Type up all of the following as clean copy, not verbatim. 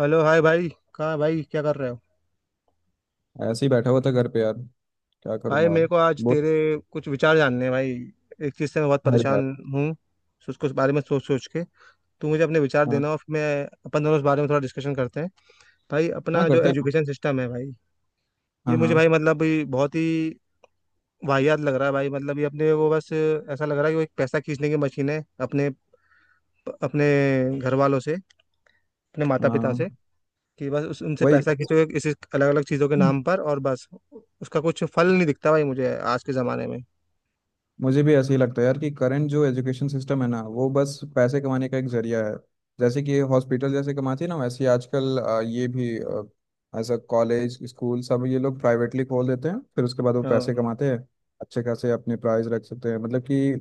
Hello, hi भाई। कहाँ है भाई, क्या कर रहे हो। ऐसे ही बैठा हुआ था घर पे यार। क्या भाई, करूंगा यार। मेरे को आज बहुत तेरे कुछ विचार जानने हैं भाई। एक चीज़ से मैं बहुत है यार। परेशान हूँ। सोच कुछ बारे में, सोच सोच के। तू मुझे अपने विचार हाँ देना और फिर मैं अपन दोनों इस बारे में थोड़ा डिस्कशन करते हैं। भाई, हाँ अपना जो करते हैं। एजुकेशन सिस्टम है भाई, हाँ ये मुझे भाई, हाँ। मतलब ये बहुत ही वाहियात लग रहा है भाई। मतलब ये अपने वो, बस ऐसा लग रहा है कि वो एक पैसा खींचने की मशीन है, अपने अपने घर वालों से, अपने माता पिता से। हाँ कि बस उस उनसे वही। पैसा खींचोगे किसी अलग अलग चीज़ों के नाम पर, और बस उसका कुछ फल नहीं दिखता भाई मुझे आज के ज़माने में। मुझे भी ऐसे ही लगता है यार कि करंट जो एजुकेशन सिस्टम है ना वो बस पैसे कमाने का एक जरिया है। जैसे कि हॉस्पिटल जैसे कमाती है ना वैसे ही आजकल ये भी एज अ कॉलेज स्कूल सब ये लोग प्राइवेटली खोल देते हैं फिर उसके बाद वो पैसे हाँ कमाते हैं। अच्छे खासे अपने प्राइस रख सकते हैं। मतलब कि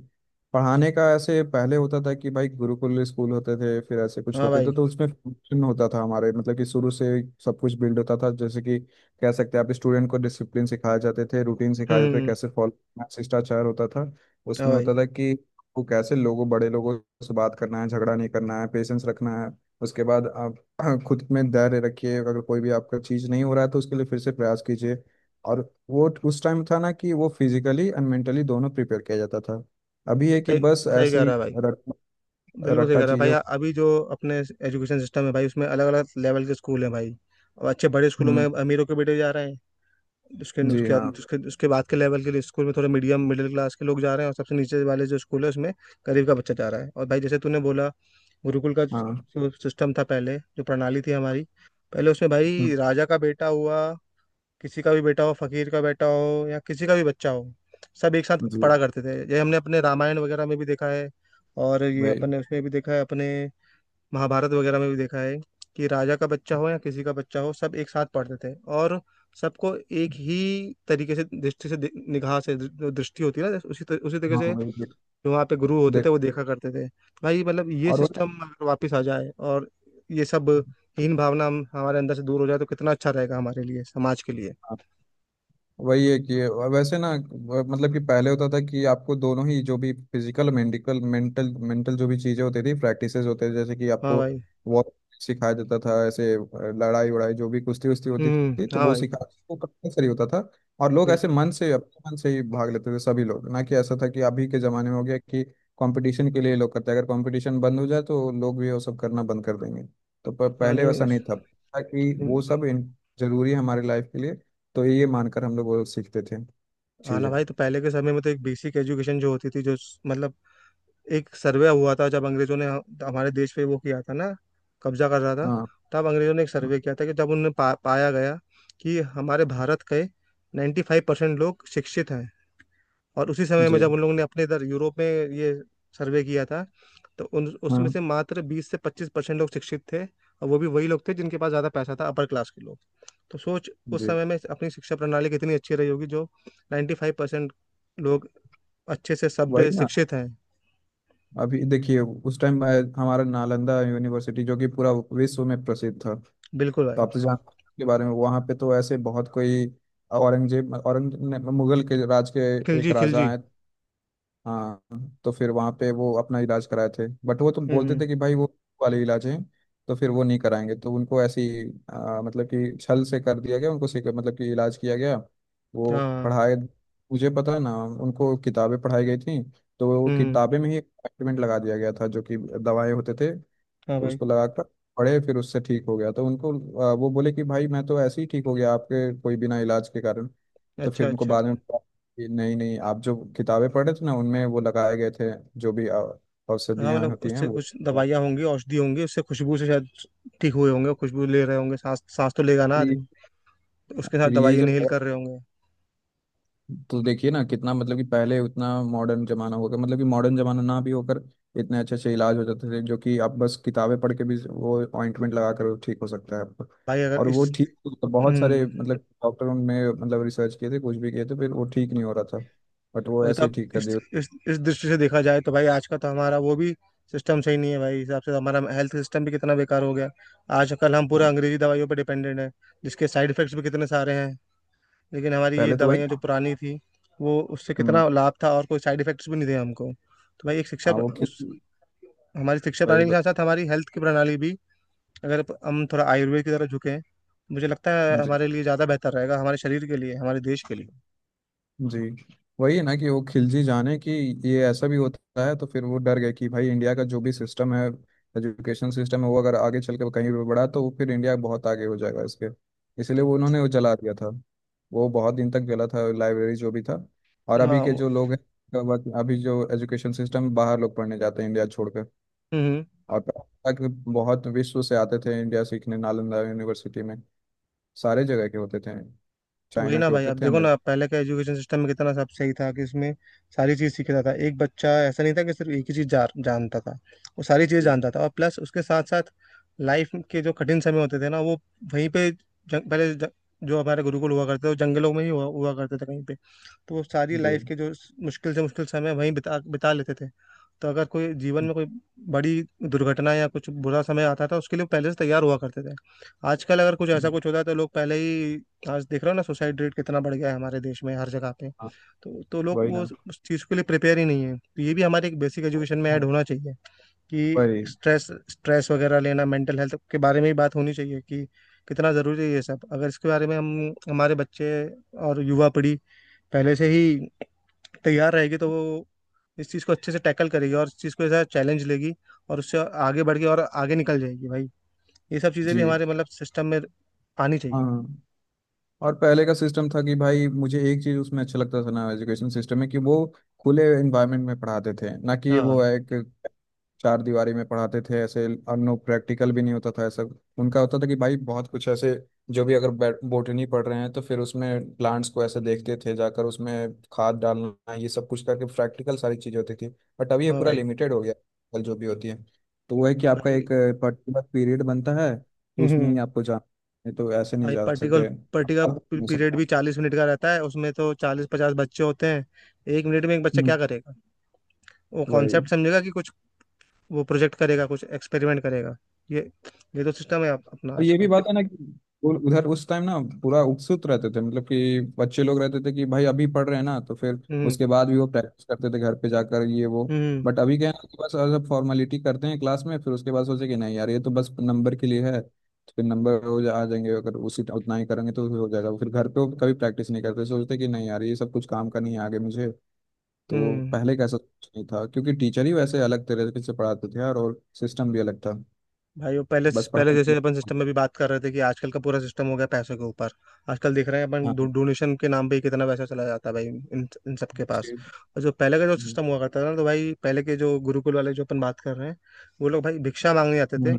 पढ़ाने का ऐसे पहले होता था कि भाई गुरुकुल स्कूल होते थे फिर ऐसे कुछ हाँ होते थे, भाई। तो उसमें फंक्शन होता था हमारे। मतलब कि शुरू से सब कुछ बिल्ड होता था। जैसे कि कह सकते हैं आप स्टूडेंट को डिसिप्लिन सिखाए जाते थे, रूटीन सिखाए जाते थे, हम्म, कैसे फॉलो शिष्टाचार होता था हाँ उसमें होता भाई। था कि वो कैसे लोगों बड़े लोगों से बात करना है, झगड़ा नहीं करना है, पेशेंस रखना है। उसके बाद आप खुद में धैर्य रखिए, अगर कोई भी आपका चीज़ नहीं हो रहा है तो उसके लिए फिर से प्रयास कीजिए। और वो उस टाइम था ना कि वो फिजिकली एंड मेंटली दोनों प्रिपेयर किया जाता था। अभी है कि सही, बस सही कह ऐसी रहा है भाई। रट, बिल्कुल सही रट्टा कह रहा है चीज़ें। भाई। अभी जो अपने एजुकेशन सिस्टम है भाई, उसमें अलग अलग लेवल के स्कूल हैं भाई। और अच्छे बड़े स्कूलों में हम्म। अमीरों के बेटे जा रहे हैं। जी हाँ। उसके उसके बाद के लेवल के लिए स्कूल में थोड़े मीडियम मिडिल क्लास के लोग जा रहे हैं, और सबसे नीचे वाले जो स्कूल है उसमें गरीब का बच्चा जा रहा है। और भाई, जैसे तूने बोला, गुरुकुल का हाँ। जो सिस्टम था, पहले जो प्रणाली थी हमारी, पहले उसमें हम्म। भाई राजा का बेटा हुआ, किसी का भी बेटा हो, फकीर का बेटा हो या किसी का भी बच्चा हो, सब एक साथ जी पढ़ा करते थे। ये हमने अपने रामायण वगैरह में भी देखा है, और ये भाई। अपने उसमें भी देखा है, अपने महाभारत वगैरह में भी देखा है। कि राजा का बच्चा हो या किसी का बच्चा हो, सब एक साथ पढ़ते थे, और सबको एक ही तरीके से, दृष्टि से, निगाह से, जो दृष्टि होती है ना, उसी तरीके हाँ से वही। जो वहाँ पे गुरु होते देख। थे वो देखा करते थे। भाई मतलब ये और वो- सिस्टम अगर वापस आ जाए, और ये सब हीन भावना हम हमारे अंदर से दूर हो जाए, तो कितना अच्छा रहेगा हमारे लिए, समाज के लिए। हाँ। वही है कि वैसे ना मतलब कि पहले होता था कि आपको दोनों ही जो भी फिजिकल मेडिकल मेंटल मेंटल जो भी चीज़ें होती थी प्रैक्टिसेस होते थे, जैसे कि हाँ आपको भाई। वॉर सिखाया जाता था। ऐसे लड़ाई वड़ाई जो भी कुश्ती उश्ती होती हम्म, थी तो हाँ वो भाई। सिखा वो कंपल्सरी होता था। और लोग ऐसे बिल्कुल। मन से, अपने मन से ही भाग लेते थे सभी लोग, ना कि ऐसा था कि अभी के ज़माने में हो गया कि कंपटीशन के लिए लोग करते हैं। अगर कंपटीशन बंद हो जाए तो लोग भी वो सब करना बंद कर देंगे। तो पर हाँ, पहले नहीं। वैसा नहीं था कि वो सब जरूरी है हमारे लाइफ के लिए, तो ये मानकर हम लोग वो सीखते थे हाँ ना चीजें। भाई, तो पहले के समय में तो एक बेसिक एजुकेशन जो होती थी, जो मतलब एक सर्वे हुआ था जब अंग्रेजों ने हमारे देश पे वो किया था ना, कब्जा कर रहा था, हाँ। तब अंग्रेजों ने एक सर्वे किया था कि जब उन्हें पाया गया कि हमारे भारत के 95% परसेंट लोग शिक्षित हैं। और उसी समय में जी जब उन लोगों ने अपने इधर यूरोप में ये सर्वे किया था, तो उन उसमें हाँ। से मात्र 20 से 25% लोग शिक्षित थे, और वो भी वही लोग थे जिनके पास ज़्यादा पैसा था, अपर क्लास के लोग। तो सोच, उस जी समय में अपनी शिक्षा प्रणाली कितनी अच्छी रही होगी जो 95% फाइव परसेंट लोग अच्छे से वही सभ्य ना। शिक्षित हैं। अभी देखिए उस टाइम हमारा नालंदा यूनिवर्सिटी जो कि पूरा विश्व में प्रसिद्ध था। तो बिल्कुल भाई। आप तो जानते हैं इसके बारे में। वहाँ पे तो ऐसे बहुत कोई औरंगजेब मुगल के राज के एक खिलजी, राजा खिलजी। हैं। हाँ तो फिर वहाँ पे वो अपना इलाज कराए थे, बट वो तुम हम्म बोलते हम्म, थे कि भाई वो वाले इलाज हैं तो फिर वो नहीं कराएंगे, तो उनको ऐसी मतलब कि छल से कर दिया गया उनको, मतलब कि इलाज किया गया। वो हाँ। पढ़ाए, मुझे पता है ना, उनको किताबें पढ़ाई गई थी तो वो हम्म, किताबें में ही एक्सपेरिमेंट लगा दिया गया था जो कि दवाएं होते थे। हाँ तो भाई। उसको लगाकर पड़े फिर उससे ठीक हो गया, तो उनको वो बोले कि भाई मैं तो ऐसे ही ठीक हो गया आपके कोई बिना इलाज के कारण। तो अच्छा फिर उनको अच्छा। बाद में पता कि नहीं नहीं, आप जो किताबें पढ़े थे ना उनमें वो लगाए गए थे जो भी हाँ, औषधियाँ मतलब होती हैं उससे वो। कुछ और दवाइयाँ होंगी, औषधि होंगी, उससे खुशबू से शायद ठीक हुए होंगे, खुशबू ले रहे होंगे, सांस सांस तो लेगा ना फिर ये आदमी, तो उसके साथ फिर ये दवाई जो इनहेल कर रहे होंगे। तो देखिए ना कितना मतलब कि पहले उतना मॉडर्न जमाना होगा, मतलब कि मॉडर्न जमाना ना भी होकर इतने अच्छे अच्छे इलाज हो जाते थे जो कि आप बस किताबें पढ़ के भी वो ऑइंटमेंट लगा कर ठीक हो सकता है आपको, भाई अगर और वो इस, ठीक। तो बहुत हम्म, सारे मतलब डॉक्टरों ने मतलब रिसर्च किए थे कुछ भी किए थे फिर वो ठीक नहीं हो रहा था, बट वो वही ऐसे ही तब ठीक कर इस, दिया। इस दृष्टि से देखा जाए तो भाई आज का तो हमारा वो भी सिस्टम सही नहीं है भाई, हिसाब से हमारा हेल्थ सिस्टम भी कितना बेकार हो गया। आज कल हम हाँ। पूरा अंग्रेजी दवाइयों पर डिपेंडेंट है, जिसके साइड इफेक्ट्स भी कितने सारे हैं। लेकिन हमारी ये पहले तो वही। दवाइयाँ जो पुरानी थी, वो उससे हम्म। कितना लाभ था, और कोई साइड इफेक्ट्स भी नहीं थे। हमको तो भाई एक शिक्षा हाँ प्र- वो उस खिल- हमारी शिक्षा वही। प्रणाली के साथ साथ हमारी हेल्थ की प्रणाली भी, अगर हम थोड़ा आयुर्वेद की तरफ झुकें, मुझे लगता है बत, हमारे लिए ज़्यादा बेहतर रहेगा, हमारे शरीर के लिए, हमारे देश के लिए। जी। वही है ना कि वो खिलजी जाने कि ये ऐसा भी होता है, तो फिर वो डर गए कि भाई इंडिया का जो भी सिस्टम है एजुकेशन सिस्टम है वो अगर आगे चल के कहीं भी बढ़ा तो वो फिर इंडिया बहुत आगे हो जाएगा इसके। इसलिए तो वो उन्होंने वो जला दिया था। वो बहुत दिन तक जला था लाइब्रेरी जो भी था। और अभी हाँ, के जो लोग हैं अभी जो एजुकेशन सिस्टम बाहर लोग पढ़ने जाते हैं इंडिया छोड़कर। हम्म हम्म। और तक बहुत विश्व से आते थे इंडिया सीखने नालंदा यूनिवर्सिटी में। सारे जगह के होते थे, तो वही चाइना ना के भाई, होते आप थे, देखो ना, अमेरिका पहले का एजुकेशन सिस्टम में कितना सब सही था कि उसमें सारी चीज़ सीखता था एक बच्चा। ऐसा नहीं था कि सिर्फ एक ही चीज़ जानता था। वो सारी चीज़ के। जानता था, और प्लस उसके साथ साथ लाइफ के जो कठिन समय होते थे ना, वो वहीं पे जो हमारे गुरुकुल हुआ करते थे वो जंगलों में ही हुआ करते थे कहीं पे। तो वो सारी जी। लाइफ के जो मुश्किल से मुश्किल समय वहीं बिता बिता लेते थे। तो अगर कोई जीवन में कोई बड़ी दुर्घटना या कुछ बुरा समय आता था, उसके लिए वो पहले से तैयार हुआ करते थे। आजकल अगर कुछ ऐसा जी। कुछ होता है, तो लोग पहले ही, आज देख रहे हो ना, सुसाइड रेट कितना बढ़ गया है हमारे देश में हर जगह पे। तो लोग वही वो ना। उस चीज़ के लिए प्रिपेयर ही नहीं है। तो ये भी हमारे एक बेसिक एजुकेशन में ऐड हाँ होना चाहिए कि वही। स्ट्रेस, स्ट्रेस वगैरह लेना, मेंटल हेल्थ के बारे में ही बात होनी चाहिए, कि कितना ज़रूरी है ये सब। अगर इसके बारे में हम, हमारे बच्चे और युवा पीढ़ी पहले से ही तैयार रहेगी, तो वो इस चीज़ को अच्छे से टैकल करेगी, और इस चीज़ को ऐसा चैलेंज लेगी, और उससे आगे बढ़ के और आगे निकल जाएगी भाई। ये सब चीज़ें जी भी हमारे मतलब सिस्टम में आनी चाहिए। हाँ। और पहले का सिस्टम था कि भाई, मुझे एक चीज उसमें अच्छा लगता था ना एजुकेशन सिस्टम में कि वो खुले एनवायरनमेंट में पढ़ाते थे, ना कि हाँ वो एक चार दीवारी में पढ़ाते थे ऐसे। अनु प्रैक्टिकल भी नहीं होता था ऐसा। उनका होता था कि भाई बहुत कुछ ऐसे जो भी, अगर बोटनी पढ़ रहे हैं तो फिर उसमें प्लांट्स को ऐसे देखते थे जाकर उसमें खाद डालना ये सब कुछ करके, प्रैक्टिकल सारी चीज़ होती थी। बट अभी ये हाँ पूरा भाई। लिमिटेड हो गया। कल जो भी होती है तो वो है कि आपका भाई, एक पर्टिकुलर पीरियड बनता है तो उसमें ही हम्म। आपको जाना है, तो ऐसे नहीं भाई, जा पर्टिकुलर सकते अब पर्टिकुलर नहीं पीरियड भी सकता। 40 मिनट का रहता है, उसमें तो 40 50 बच्चे होते हैं। एक मिनट में एक बच्चा क्या हम्म। करेगा? वो वही। कॉन्सेप्ट समझेगा कि कुछ, वो प्रोजेक्ट करेगा, कुछ एक्सपेरिमेंट करेगा? ये ये तो सिस्टम है अपना और आज ये भी का। बात है ना कि उधर उस टाइम ना पूरा उत्सुक रहते थे, मतलब कि बच्चे लोग रहते थे कि भाई अभी पढ़ रहे हैं ना तो फिर हम्म उसके बाद भी वो प्रैक्टिस करते थे घर पे जाकर ये वो। हम्म। बट अभी क्या है ना कि बस सब फॉर्मेलिटी करते हैं क्लास में, फिर उसके बाद सोचे कि नहीं यार ये तो बस नंबर के लिए है, तो फिर नंबर हो जा आ जाएंगे अगर उसी उतना ही करेंगे तो हो जाएगा, फिर घर पे वो कभी प्रैक्टिस नहीं करते, सोचते कि नहीं यार ये सब कुछ काम का नहीं है आगे मुझे। तो हम्म पहले कैसा कुछ नहीं था क्योंकि टीचर ही वैसे अलग तरीके से पढ़ाते थे यार, और सिस्टम भी अलग था। भाई, वो पहले, बस पहले पढ़ाई के जैसे अपन सिस्टम लिए- में भी बात कर रहे थे कि आजकल का पूरा सिस्टम हो गया पैसों के ऊपर। आजकल देख रहे हैं अपन हाँ। डोनेशन के नाम पे ही कितना पैसा चला जाता है भाई इन इन सबके पास। और जो पहले का जो हम्म। सिस्टम हुआ करता था ना, तो भाई पहले के जो गुरुकुल वाले जो अपन बात कर रहे हैं, वो लोग भाई भिक्षा मांगने आते थे, हम्म।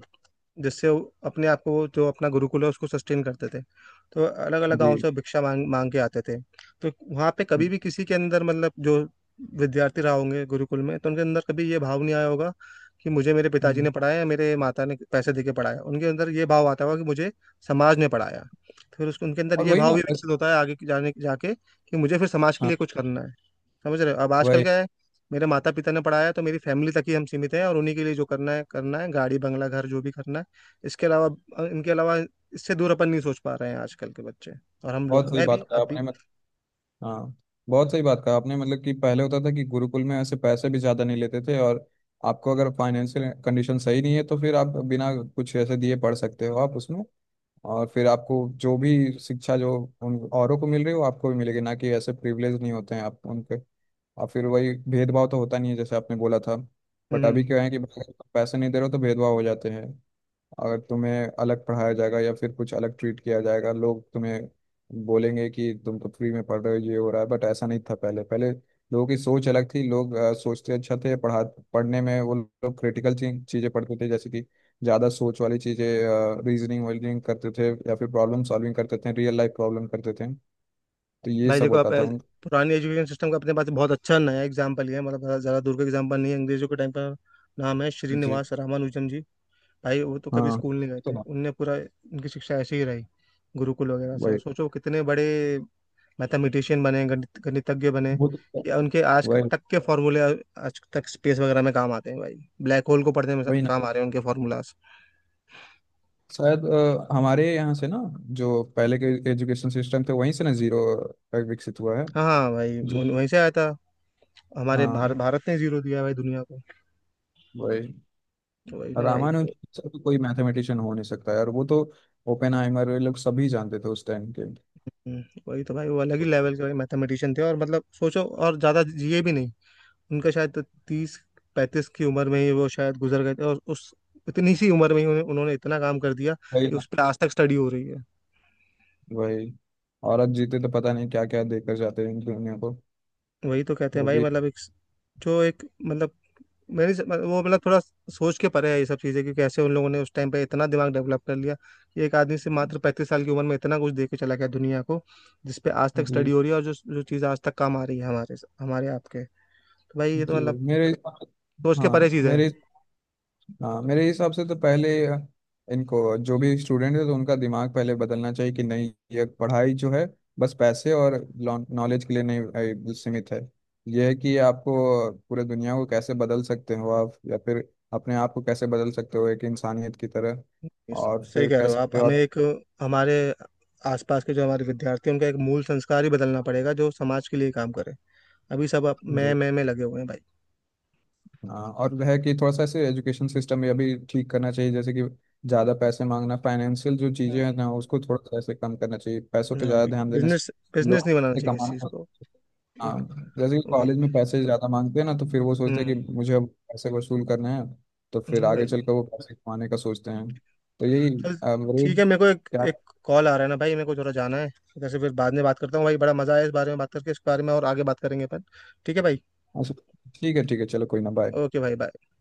जिससे वो अपने आप को, वो जो अपना गुरुकुल है उसको सस्टेन करते थे। तो अलग अलग जी। गांव से भिक्षा मांग मांग के आते थे। तो वहाँ पे कभी हम्म। भी किसी के अंदर, मतलब जो विद्यार्थी रहा होंगे गुरुकुल में, तो उनके अंदर कभी ये भाव नहीं आया होगा कि मुझे मेरे पिताजी ने हम्म। पढ़ाया, या मेरे माता ने पैसे दे के पढ़ाया। उनके अंदर ये भाव आता होगा कि मुझे समाज ने पढ़ाया। तो फिर उसको उनके अंदर और ये वही भाव ना भी बस। विकसित होता है आगे जाने जाके कि मुझे फिर समाज के हाँ लिए कुछ करना है। समझ रहे हो? अब आजकल वही। क्या है, मेरे माता पिता ने पढ़ाया, तो मेरी फैमिली तक ही हम सीमित हैं, और उन्हीं के लिए जो करना है करना है, गाड़ी बंगला घर जो भी करना है। इसके अलावा इनके अलावा, इससे दूर अपन नहीं सोच पा रहे हैं, आजकल के बच्चे और हम लोग, बहुत सही मैं बात भी कहा आप भी। आपने मत हाँ बहुत सही बात कहा आपने। मतलब कि पहले होता था कि गुरुकुल में ऐसे पैसे भी ज़्यादा नहीं लेते थे। और आपको अगर फाइनेंशियल कंडीशन सही नहीं है तो फिर आप बिना कुछ ऐसे दिए पढ़ सकते हो आप उसमें। और फिर आपको जो भी शिक्षा जो उन औरों को मिल रही है वो आपको भी मिलेगी, ना कि ऐसे प्रिविलेज नहीं होते हैं आप उनके। और फिर वही भेदभाव तो होता नहीं है, जैसे आपने बोला था। बट अभी हम्म। क्या है कि पैसे नहीं दे रहे हो तो भेदभाव हो जाते हैं। अगर तुम्हें अलग पढ़ाया जाएगा या फिर कुछ अलग ट्रीट किया जाएगा, लोग तुम्हें बोलेंगे कि तुम तो फ्री में पढ़ रहे हो, ये हो रहा है। बट ऐसा नहीं था पहले। पहले लोगों की सोच अलग थी। लोग सोचते अच्छा थे। पढ़ा पढ़ने में वो लोग क्रिटिकल चीज़ें पढ़ते थे, जैसे कि ज़्यादा सोच वाली चीज़ें, रीजनिंग वीजनिंग करते थे, या फिर प्रॉब्लम सॉल्विंग करते थे, रियल लाइफ प्रॉब्लम करते थे। तो ये भाई सब देखो होता आप, था उन। पुरानी एजुकेशन सिस्टम का अपने पास बहुत अच्छा नया एग्जाम्पल है, मतलब ज़्यादा, ज़्यादा दूर का एग्जाम्पल नहीं है, अंग्रेजों के टाइम का। नाम है जी। श्रीनिवास रामानुजन जी। भाई वो तो कभी हाँ। स्कूल नहीं गए तो थे, उनने पूरा उनकी शिक्षा ऐसे ही रही गुरुकुल वगैरह से। वही। और सोचो कितने बड़े मैथमेटिशियन बने, गणित गणितज्ञ बने। वो तो। या उनके आज वही। तक के फॉर्मूले आज तक स्पेस वगैरह में काम आते हैं भाई। ब्लैक होल को पढ़ने में वही। काम आ रहे हैं उनके फॉर्मूलाज। शायद हमारे यहाँ से ना जो पहले के एजुकेशन सिस्टम थे वहीं से ना जीरो विकसित हुआ है। हाँ हाँ भाई, जो वहीं से आया था। हमारे हाँ भारत ने जीरो दिया है भाई दुनिया को। वही। तो वही ना भाई, तो रामानुज से तो कोई मैथमेटिशियन हो नहीं सकता है। और वो तो ओपेनहाइमर ये लोग सभी जानते थे उस टाइम के। वही तो भाई, वो अलग ही लेवल के भाई मैथमेटिशियन थे। और मतलब सोचो, और ज्यादा जिए भी नहीं। उनका शायद तो 30 35 की उम्र में ही वो शायद गुजर गए थे। और उस इतनी सी उम्र में ही उन्होंने इतना काम कर दिया वही कि ना। उस पर आज तक स्टडी हो रही है। वही। औरत जीते तो पता नहीं क्या क्या देकर जाते हैं दुनिया को। वही तो कहते हैं वो भाई, भी। मतलब एक, जो एक, मतलब मतलब वो, मतलब थोड़ा सोच के परे है ये सब चीज़ें कि कैसे उन लोगों ने उस टाइम पे इतना दिमाग डेवलप कर लिया कि एक आदमी से मात्र 35 साल की उम्र में इतना कुछ दे के चला गया दुनिया को, जिस पे आज तक स्टडी जी। हो रही है, और जो जो चीज़ आज तक काम आ रही है हमारे हमारे आपके। तो भाई ये तो जी। मतलब वही मेरे। सोच के हाँ परे चीज़ है। मेरे हाँ मेरे हिसाब से तो पहले इनको जो भी स्टूडेंट है तो उनका दिमाग पहले बदलना चाहिए कि नहीं ये पढ़ाई जो है बस पैसे और नॉलेज के लिए नहीं सीमित है। यह है कि आपको पूरे दुनिया को कैसे बदल सकते हो आप, या फिर अपने आप को कैसे बदल सकते हो एक इंसानियत की तरह। और सही फिर कह रहे हो आप। कैसे हमें आप एक, हमारे आसपास के जो हमारे विद्यार्थी हैं उनका एक मूल संस्कार ही बदलना पड़ेगा जो समाज के लिए काम करे। अभी सब अप- मैं जी मैं मैं लगे हुए हैं भाई। हाँ। और है कि थोड़ा सा ऐसे एजुकेशन सिस्टम ये भी ठीक करना चाहिए, जैसे कि ज़्यादा पैसे मांगना फाइनेंशियल जो हम्म, चीज़ें हैं ना उसको थोड़ा सा ऐसे कम करना चाहिए, पैसों पे हाँ ज़्यादा भाई, ध्यान देने से बिजनेस बिजनेस लोग नहीं बनाना से चाहिए इस चीज़ कमाना। को। हाँ। एक जैसे कि वही। कॉलेज में पैसे ज़्यादा मांगते हैं ना तो फिर वो सोचते हैं कि हम्म, मुझे अब पैसे वसूल करने हैं। तो फिर हाँ आगे भाई। चलकर वो पैसे कमाने का सोचते हैं। तो यही चल, ठीक रेट। है, मेरे को एक क्या? एक कॉल आ रहा है ना भाई, मेरे को थोड़ा जाना है। इधर से फिर बाद में बात करता हूँ भाई। बड़ा मजा आया इस बारे में बात करके, इस बारे में और आगे बात करेंगे अपन। ठीक है भाई। अच्छा, ठीक है ठीक है। चलो कोई ना, बाय। ओके भाई, बाय।